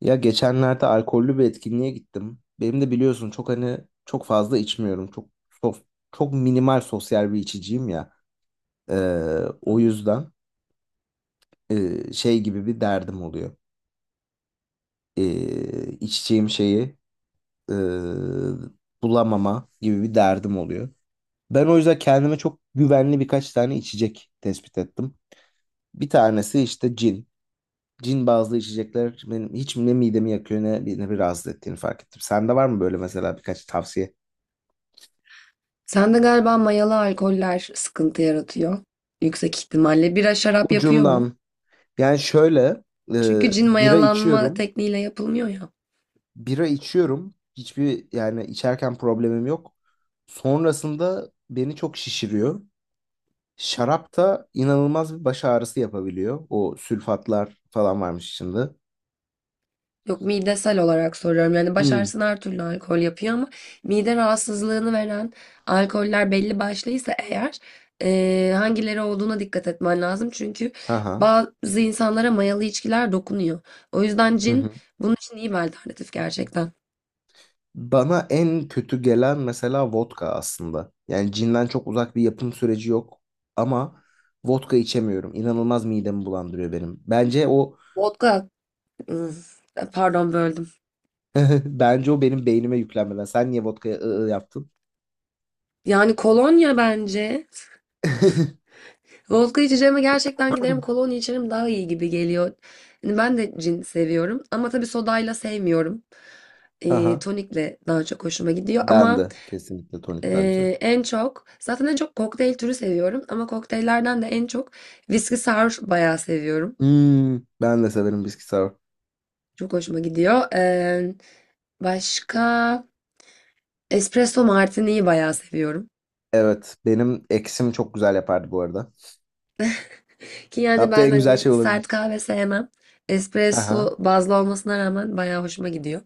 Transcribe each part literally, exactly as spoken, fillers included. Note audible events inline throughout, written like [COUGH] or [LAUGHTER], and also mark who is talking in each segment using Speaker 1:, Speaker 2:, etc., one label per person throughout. Speaker 1: Ya geçenlerde alkollü bir etkinliğe gittim. Benim de biliyorsun çok hani çok fazla içmiyorum. Çok çok, çok minimal sosyal bir içiciyim ya. Ee,
Speaker 2: Hı
Speaker 1: O
Speaker 2: hı.
Speaker 1: yüzden e, şey gibi bir derdim oluyor. Ee, içeceğim şeyi e, bulamama gibi bir derdim oluyor. Ben o yüzden kendime çok güvenli birkaç tane içecek tespit ettim. Bir tanesi işte cin. Cin bazlı içecekler benim hiç ne midemi yakıyor ne, ne bir rahatsız ettiğini fark ettim. Sende var mı böyle mesela birkaç tavsiye?
Speaker 2: Sende galiba mayalı alkoller sıkıntı yaratıyor. Yüksek ihtimalle. Bira şarap yapıyor mu?
Speaker 1: Ucundan. Yani şöyle e,
Speaker 2: Çünkü cin
Speaker 1: bira
Speaker 2: mayalanma
Speaker 1: içiyorum.
Speaker 2: tekniğiyle yapılmıyor ya.
Speaker 1: Bira içiyorum. Hiçbir yani içerken problemim yok. Sonrasında beni çok şişiriyor. Şarap da inanılmaz bir baş ağrısı yapabiliyor. O sülfatlar falan varmış içinde.
Speaker 2: Yok, midesel olarak soruyorum. Yani baş
Speaker 1: Hmm.
Speaker 2: ağrısına her türlü alkol yapıyor ama mide rahatsızlığını veren alkoller belli başlıysa eğer eee, hangileri olduğuna dikkat etmen lazım. Çünkü
Speaker 1: Haha.
Speaker 2: bazı insanlara mayalı içkiler dokunuyor. O yüzden
Speaker 1: Hı
Speaker 2: cin
Speaker 1: hı.
Speaker 2: bunun için iyi bir alternatif gerçekten.
Speaker 1: Bana en kötü gelen mesela vodka aslında. Yani cinden çok uzak bir yapım süreci yok ama vodka içemiyorum. İnanılmaz midemi bulandırıyor benim. Bence o
Speaker 2: Vodka, ıı, Pardon, böldüm.
Speaker 1: [LAUGHS] Bence o benim beynime yüklenmeden. Sen niye vodkaya ı, ı yaptın?
Speaker 2: Yani kolonya bence.
Speaker 1: [LAUGHS]
Speaker 2: Vodka içeceğime gerçekten giderim kolonya içerim, daha iyi gibi geliyor. Yani ben de cin seviyorum ama tabii sodayla sevmiyorum. E,
Speaker 1: Aha.
Speaker 2: tonikle daha çok hoşuma gidiyor
Speaker 1: Ben
Speaker 2: ama
Speaker 1: de kesinlikle
Speaker 2: e,
Speaker 1: tonik daha güzel.
Speaker 2: en çok zaten en çok kokteyl türü seviyorum ama kokteyllerden de en çok viski sour bayağı seviyorum.
Speaker 1: Hmm, ben de severim bisküvi sour.
Speaker 2: Çok hoşuma gidiyor. E, başka Espresso martini'yi bayağı seviyorum.
Speaker 1: Evet, benim eksim çok güzel yapardı bu arada.
Speaker 2: Ki yani
Speaker 1: Yaptığı
Speaker 2: ben
Speaker 1: en güzel
Speaker 2: hani
Speaker 1: şey
Speaker 2: sert
Speaker 1: olabilir.
Speaker 2: kahve sevmem.
Speaker 1: Aha.
Speaker 2: Espresso bazlı olmasına rağmen bayağı hoşuma gidiyor.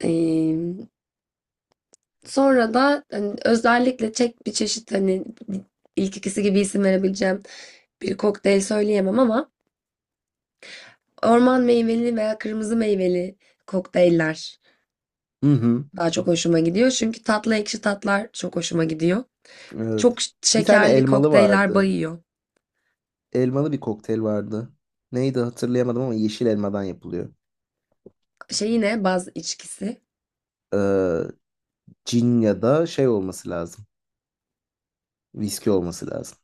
Speaker 2: Ee, Sonra da hani özellikle çek bir çeşit hani ilk ikisi gibi isim verebileceğim bir kokteyl söyleyemem ama orman meyveli veya kırmızı meyveli kokteyller
Speaker 1: Hı hı.
Speaker 2: daha çok hoşuma gidiyor. Çünkü tatlı ekşi tatlar çok hoşuma gidiyor.
Speaker 1: Evet.
Speaker 2: Çok ş-
Speaker 1: Bir tane
Speaker 2: şekerli
Speaker 1: elmalı
Speaker 2: kokteyller
Speaker 1: vardı.
Speaker 2: bayıyor.
Speaker 1: Elmalı bir kokteyl vardı. Neydi hatırlayamadım ama yeşil elmadan yapılıyor.
Speaker 2: Şey, yine baz içkisi.
Speaker 1: Ee, Cin ya da şey olması lazım. Viski olması lazım.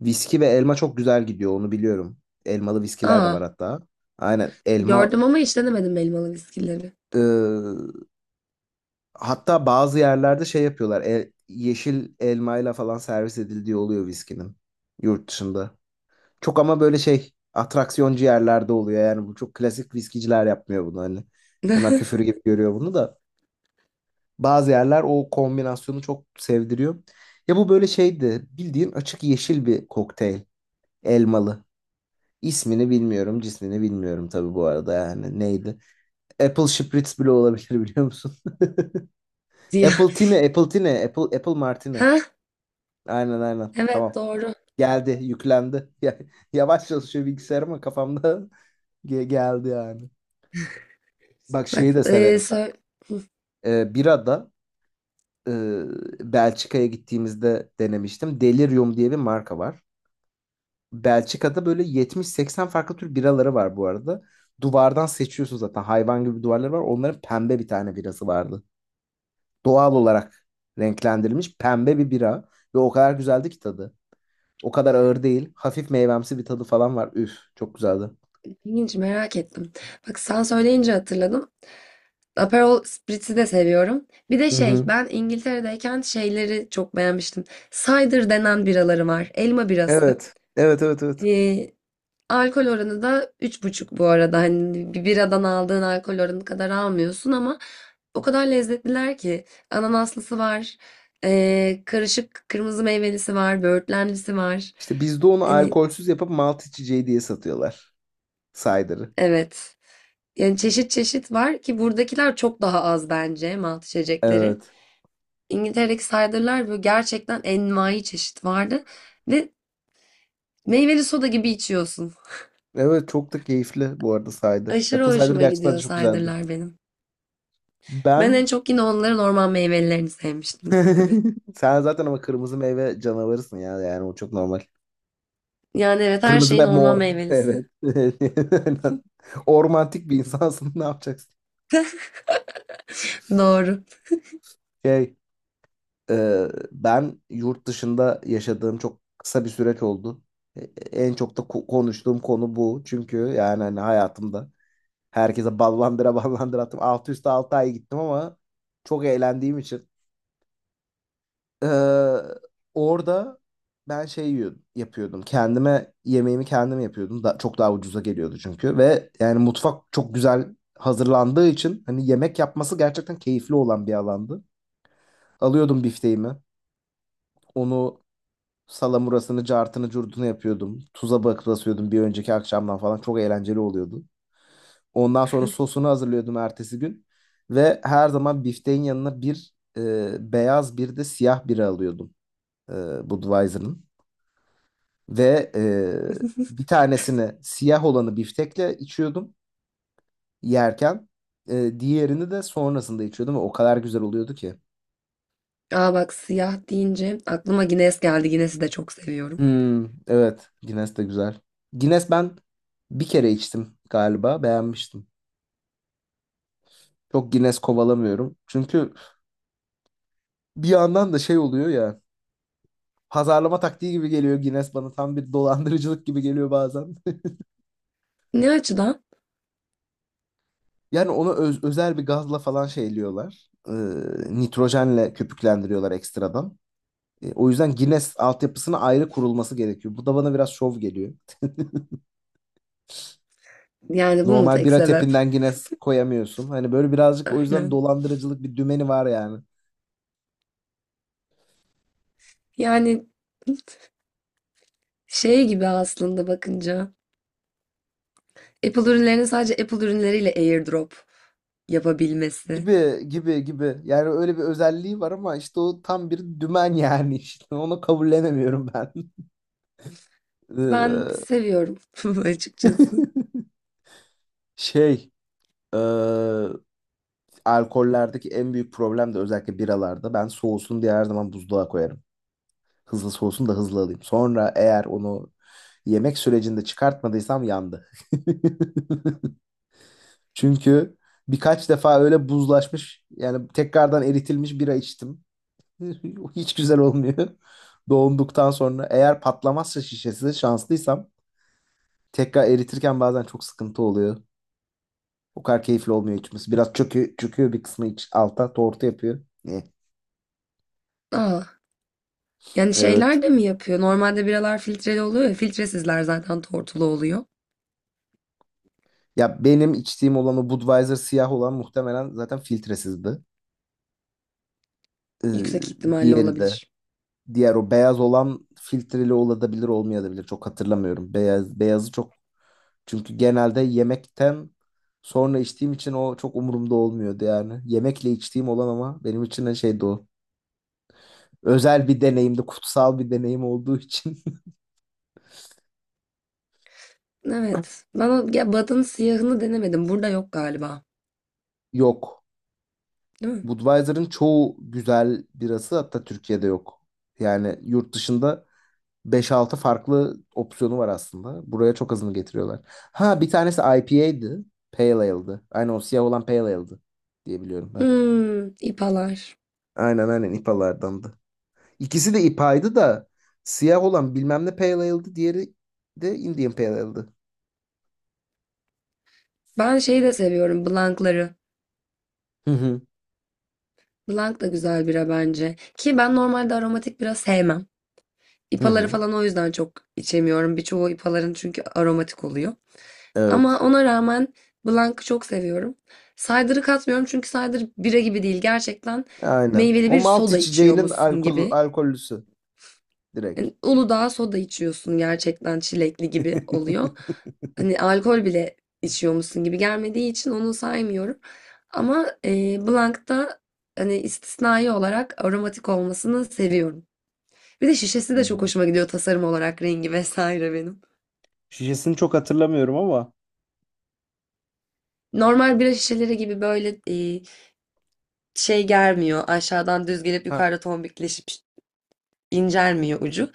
Speaker 1: Viski ve elma çok güzel gidiyor onu biliyorum. Elmalı viskiler de
Speaker 2: Aa,
Speaker 1: var hatta. Aynen elma,
Speaker 2: gördüm ama hiç denemedim elmalı viskileri.
Speaker 1: e, hatta bazı yerlerde şey yapıyorlar. El- yeşil elmayla falan servis edildiği oluyor viskinin yurt dışında. Çok ama böyle şey atraksiyoncu yerlerde oluyor. Yani bu çok klasik viskiciler yapmıyor bunu hani. Onlar
Speaker 2: [LAUGHS]
Speaker 1: küfür gibi görüyor bunu da. Bazı yerler o kombinasyonu çok sevdiriyor. Ya bu böyle şeydi. Bildiğin açık yeşil bir kokteyl. Elmalı. İsmini bilmiyorum, cismini bilmiyorum tabii bu arada yani neydi? Apple Spritz bile olabilir biliyor musun? [LAUGHS]
Speaker 2: diye. [LAUGHS]
Speaker 1: Apple Tine, Apple Tine, Apple, Apple Martini.
Speaker 2: Ha?
Speaker 1: Aynen aynen
Speaker 2: Evet,
Speaker 1: tamam.
Speaker 2: doğru.
Speaker 1: Geldi, yüklendi. [LAUGHS] Ya- Yavaş çalışıyor bilgisayar ama kafamda [LAUGHS] ge- geldi yani. Bak şeyi
Speaker 2: Bak
Speaker 1: de
Speaker 2: e,
Speaker 1: severim ben.
Speaker 2: sö-
Speaker 1: Ee, birada e, Belçika'ya gittiğimizde denemiştim. Delirium diye bir marka var. Belçika'da böyle yetmiş seksen farklı tür biraları var bu arada. Duvardan seçiyorsun zaten. Hayvan gibi duvarları var. Onların pembe bir tane birası vardı. Doğal olarak renklendirilmiş pembe bir bira. Ve o kadar güzeldi ki tadı. O kadar ağır değil. Hafif meyvemsi bir tadı falan var. Üf, çok güzeldi.
Speaker 2: ilginç, merak ettim. Bak sen söyleyince hatırladım. Aperol Spritz'i de seviyorum. Bir de
Speaker 1: Hı
Speaker 2: şey,
Speaker 1: hı.
Speaker 2: ben İngiltere'deyken şeyleri çok beğenmiştim. Cider denen biraları var. Elma birası.
Speaker 1: Evet. Evet, evet, evet.
Speaker 2: E, alkol oranı da üç buçuk bu arada. Hani bir biradan aldığın alkol oranı kadar almıyorsun ama o kadar lezzetliler ki. Ananaslısı var. E, karışık kırmızı meyvelisi var. Böğürtlenlisi var.
Speaker 1: İşte bizde onu
Speaker 2: Hani
Speaker 1: alkolsüz yapıp malt içeceği diye satıyorlar. Cider'ı.
Speaker 2: evet. Yani çeşit çeşit var ki buradakiler çok daha az bence malt içecekleri.
Speaker 1: Evet.
Speaker 2: İngiltere'deki cider'lar böyle gerçekten envai çeşit vardı ve meyveli soda gibi içiyorsun.
Speaker 1: Evet çok da keyifli bu arada cider.
Speaker 2: Aşırı
Speaker 1: Apple cider
Speaker 2: hoşuma
Speaker 1: gerçekten de
Speaker 2: gidiyor
Speaker 1: çok güzeldir.
Speaker 2: cider'lar benim. Ben en
Speaker 1: Ben.
Speaker 2: çok yine onların orman meyvelilerini sevmiştim tabii.
Speaker 1: [LAUGHS] Sen zaten ama kırmızı meyve canavarısın ya. Yani o çok normal.
Speaker 2: Yani evet, her
Speaker 1: Kırmızı
Speaker 2: şeyin
Speaker 1: ve
Speaker 2: orman
Speaker 1: mor. Evet.
Speaker 2: meyvelisi.
Speaker 1: [LAUGHS] Ormantik bir insansın. [LAUGHS] Ne yapacaksın?
Speaker 2: [LAUGHS] Doğru.
Speaker 1: Şey, e, ben yurt dışında yaşadığım çok kısa bir süreç oldu. E, En çok da ko- konuştuğum konu bu. Çünkü yani hani hayatımda herkese ballandıra ballandıra attım. Altı üstü altı ay gittim ama çok eğlendiğim için. Ee, Orada ben şey yiyor- yapıyordum. Kendime yemeğimi kendim yapıyordum. Da, çok daha ucuza geliyordu çünkü. Ve yani mutfak çok güzel hazırlandığı için hani yemek yapması gerçekten keyifli olan bir alandı. Alıyordum bifteğimi. Onu salamurasını, cartını, curtunu yapıyordum. Tuza bakıp basıyordum bir önceki akşamdan falan. Çok eğlenceli oluyordu. Ondan sonra sosunu hazırlıyordum ertesi gün. Ve her zaman bifteğin yanına bir e, beyaz bir de siyah biri alıyordum. E, Budweiser'ın. Ve e, bir tanesini siyah olanı biftekle içiyordum yerken. E, diğerini de sonrasında içiyordum ve o kadar güzel oluyordu ki.
Speaker 2: Aa, bak, siyah deyince aklıma Guinness geldi. Guinness'i de çok seviyorum.
Speaker 1: Hmm, evet Guinness de güzel. Guinness ben bir kere içtim galiba beğenmiştim. Çok Guinness kovalamıyorum. Çünkü bir yandan da şey oluyor ya, pazarlama taktiği gibi geliyor Guinness bana, tam bir dolandırıcılık gibi geliyor bazen. [LAUGHS]
Speaker 2: Ne açıdan?
Speaker 1: Yani onu öz- özel bir gazla falan şeyliyorlar. E, nitrojenle köpüklendiriyorlar ekstradan. E, O yüzden Guinness altyapısına ayrı kurulması gerekiyor. Bu da bana biraz şov geliyor.
Speaker 2: Yani bu mu
Speaker 1: Normal
Speaker 2: tek
Speaker 1: bira
Speaker 2: sebep?
Speaker 1: tepinden Guinness koyamıyorsun. Hani böyle birazcık o yüzden
Speaker 2: Aynen.
Speaker 1: dolandırıcılık bir dümeni var yani.
Speaker 2: Yani Şey gibi aslında bakınca. Apple ürünlerinin sadece Apple ürünleriyle AirDrop yapabilmesi.
Speaker 1: Gibi gibi gibi. Yani öyle bir özelliği var ama işte o tam bir dümen [LAUGHS] yani işte. Onu kabullenemiyorum ben. [LAUGHS]
Speaker 2: Ben
Speaker 1: Ee,
Speaker 2: seviyorum [LAUGHS] açıkçası.
Speaker 1: [LAUGHS] Şey, e, alkollerdeki en büyük problem de özellikle biralarda. Ben soğusun diye her zaman buzluğa koyarım. Hızlı soğusun da hızlı alayım. Sonra eğer onu yemek sürecinde çıkartmadıysam yandı. [LAUGHS] Çünkü birkaç defa öyle buzlaşmış yani tekrardan eritilmiş bira içtim. [LAUGHS] Hiç güzel olmuyor. Doğunduktan sonra eğer patlamazsa şişesi şanslıysam tekrar eritirken bazen çok sıkıntı oluyor. O kadar keyifli olmuyor içmesi. Biraz çöküyor, çöküyor bir kısmı iç, alta tortu yapıyor. Eh,
Speaker 2: Aa, yani
Speaker 1: evet.
Speaker 2: şeyler de mi yapıyor? Normalde biralar filtreli oluyor ya. Filtresizler zaten tortulu oluyor.
Speaker 1: Ya benim içtiğim olan o Budweiser siyah olan muhtemelen zaten filtresizdi. Ee,
Speaker 2: Yüksek ihtimalle
Speaker 1: Diğeri de.
Speaker 2: olabilir.
Speaker 1: Diğer o beyaz olan filtreli olabilir olmayabilir. Çok hatırlamıyorum. Beyaz, beyazı çok. Çünkü genelde yemekten sonra içtiğim için o çok umurumda olmuyordu yani. Yemekle içtiğim olan ama benim için de şeydi o. Özel bir deneyimdi, kutsal bir deneyim olduğu için. [LAUGHS]
Speaker 2: Evet. Ben o ya, Bad'ın siyahını denemedim. Burada yok galiba.
Speaker 1: Yok.
Speaker 2: Değil mi?
Speaker 1: Budweiser'ın çoğu güzel birası hatta Türkiye'de yok. Yani yurt dışında beş altı farklı opsiyonu var aslında. Buraya çok azını getiriyorlar. Ha bir tanesi I P A'ydı. Pale Ale'dı. Aynen o siyah olan Pale Ale'dı diye biliyorum ben.
Speaker 2: Hmm, ipalar.
Speaker 1: Aynen aynen I P A'lardandı. İkisi de I P A'ydı da siyah olan bilmem ne Pale Ale'dı. Diğeri de Indian Pale Ale'dı.
Speaker 2: Ben şeyi de seviyorum. Blankları.
Speaker 1: Hı hı.
Speaker 2: Blank da güzel bira bence. Ki ben normalde aromatik bira sevmem.
Speaker 1: Hı
Speaker 2: İpaları
Speaker 1: hı.
Speaker 2: falan o yüzden çok içemiyorum. Birçoğu ipaların çünkü aromatik oluyor. Ama
Speaker 1: Evet.
Speaker 2: ona rağmen Blanc'ı çok seviyorum. Cider'ı katmıyorum çünkü cider bira gibi değil. Gerçekten
Speaker 1: Aynen.
Speaker 2: meyveli
Speaker 1: O
Speaker 2: bir
Speaker 1: malt
Speaker 2: soda
Speaker 1: içeceğinin
Speaker 2: içiyormuşsun
Speaker 1: alkol,
Speaker 2: gibi.
Speaker 1: alkollüsü direkt.
Speaker 2: Yani Uludağ soda içiyorsun, gerçekten çilekli gibi
Speaker 1: [LAUGHS]
Speaker 2: oluyor. Hani alkol bile içiyormuşsun gibi gelmediği için onu saymıyorum. Ama e, Blanc'ta hani istisnai olarak aromatik olmasını seviyorum. Bir de şişesi
Speaker 1: Hı
Speaker 2: de çok
Speaker 1: hı.
Speaker 2: hoşuma gidiyor tasarım olarak, rengi vesaire benim.
Speaker 1: Şişesini çok hatırlamıyorum ama.
Speaker 2: Normal bira şişeleri gibi böyle e, şey germiyor. Aşağıdan düz gelip yukarıda tombikleşip incelmiyor ucu.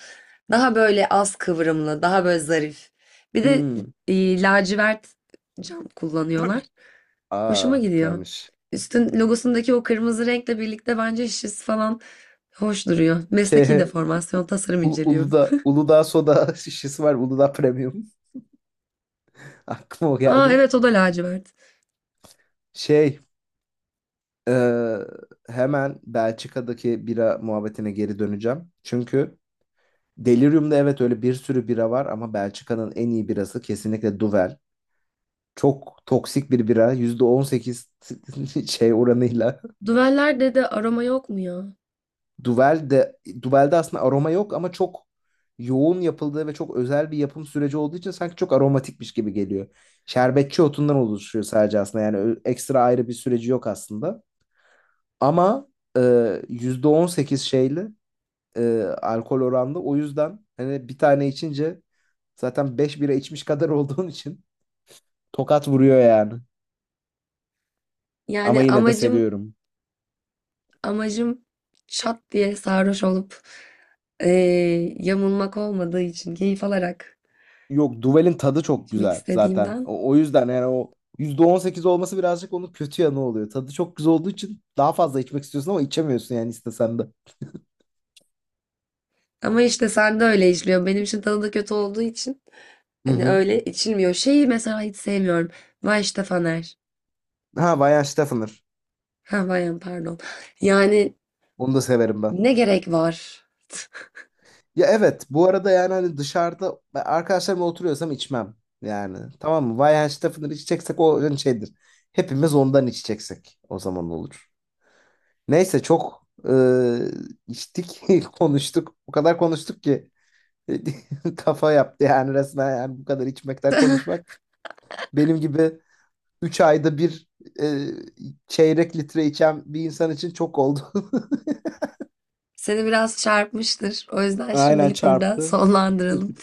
Speaker 2: Daha böyle az kıvrımlı, daha böyle zarif. Bir de
Speaker 1: Hmm.
Speaker 2: e, lacivert cam kullanıyorlar. Hoşuma
Speaker 1: Aa
Speaker 2: gidiyor.
Speaker 1: güzelmiş.
Speaker 2: Üstün logosundaki o kırmızı renkle birlikte bence şişesi falan hoş duruyor. Mesleki
Speaker 1: Şey, U-
Speaker 2: deformasyon, tasarım
Speaker 1: U-
Speaker 2: inceliyorum.
Speaker 1: Uludağ, Uludağ soda [LAUGHS] şişesi var. Uludağ Premium. [LAUGHS] Aklıma o
Speaker 2: [LAUGHS] Aa
Speaker 1: geldi.
Speaker 2: evet, o da lacivert.
Speaker 1: Şey, e, hemen Belçika'daki bira muhabbetine geri döneceğim. Çünkü Delirium'da evet öyle bir sürü bira var ama Belçika'nın en iyi birası kesinlikle Duvel. Çok toksik bir bira. Yüzde on sekiz [LAUGHS] şey oranıyla.
Speaker 2: Düveller de de aroma yok mu ya?
Speaker 1: Duvel de Duvel'de aslında aroma yok ama çok yoğun yapıldığı ve çok özel bir yapım süreci olduğu için sanki çok aromatikmiş gibi geliyor. Şerbetçi otundan oluşuyor sadece aslında. Yani ö- ekstra ayrı bir süreci yok aslında. Ama e, yüzde on sekiz şeyli e, alkol oranlı. O yüzden hani bir tane içince zaten beş bira içmiş kadar [LAUGHS] olduğun için tokat vuruyor yani. Ama
Speaker 2: Yani
Speaker 1: yine de
Speaker 2: amacım
Speaker 1: seviyorum.
Speaker 2: Amacım şat diye sarhoş olup eee, yamulmak olmadığı için keyif alarak
Speaker 1: Yok, Duvel'in tadı çok
Speaker 2: içmek
Speaker 1: güzel zaten.
Speaker 2: istediğimden.
Speaker 1: O, o yüzden yani o yüzde on sekiz olması birazcık onun kötü yanı oluyor. Tadı çok güzel olduğu için daha fazla içmek istiyorsun ama içemiyorsun yani istesen de.
Speaker 2: Ama işte sen de öyle içiliyor. Benim için tadı da kötü olduğu için
Speaker 1: Hı
Speaker 2: hani
Speaker 1: hı.
Speaker 2: öyle içilmiyor. Şeyi mesela hiç sevmiyorum. Vay işte Faner.
Speaker 1: Ha, Bayan Steffner.
Speaker 2: Ha, Vayan, pardon. Yani
Speaker 1: Onu da severim ben.
Speaker 2: ne gerek var?
Speaker 1: Ya evet bu arada, yani hani dışarıda ben arkadaşlarımla oturuyorsam içmem. Yani tamam mı? Bayan Steffner içeceksek o hani şeydir. Hepimiz ondan içeceksek o zaman olur. Neyse çok e, içtik [LAUGHS] konuştuk. O kadar konuştuk ki. [LAUGHS] Kafa yaptı yani resmen, yani bu kadar içmekten konuşmak. Benim gibi üç ayda bir e, çeyrek litre içen bir insan için çok oldu. [LAUGHS]
Speaker 2: Seni biraz çarpmıştır. O yüzden
Speaker 1: Aynen,
Speaker 2: şimdilik burada
Speaker 1: çarptı.
Speaker 2: sonlandıralım.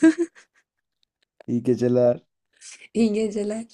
Speaker 1: [LAUGHS] İyi geceler.
Speaker 2: [LAUGHS] İyi geceler.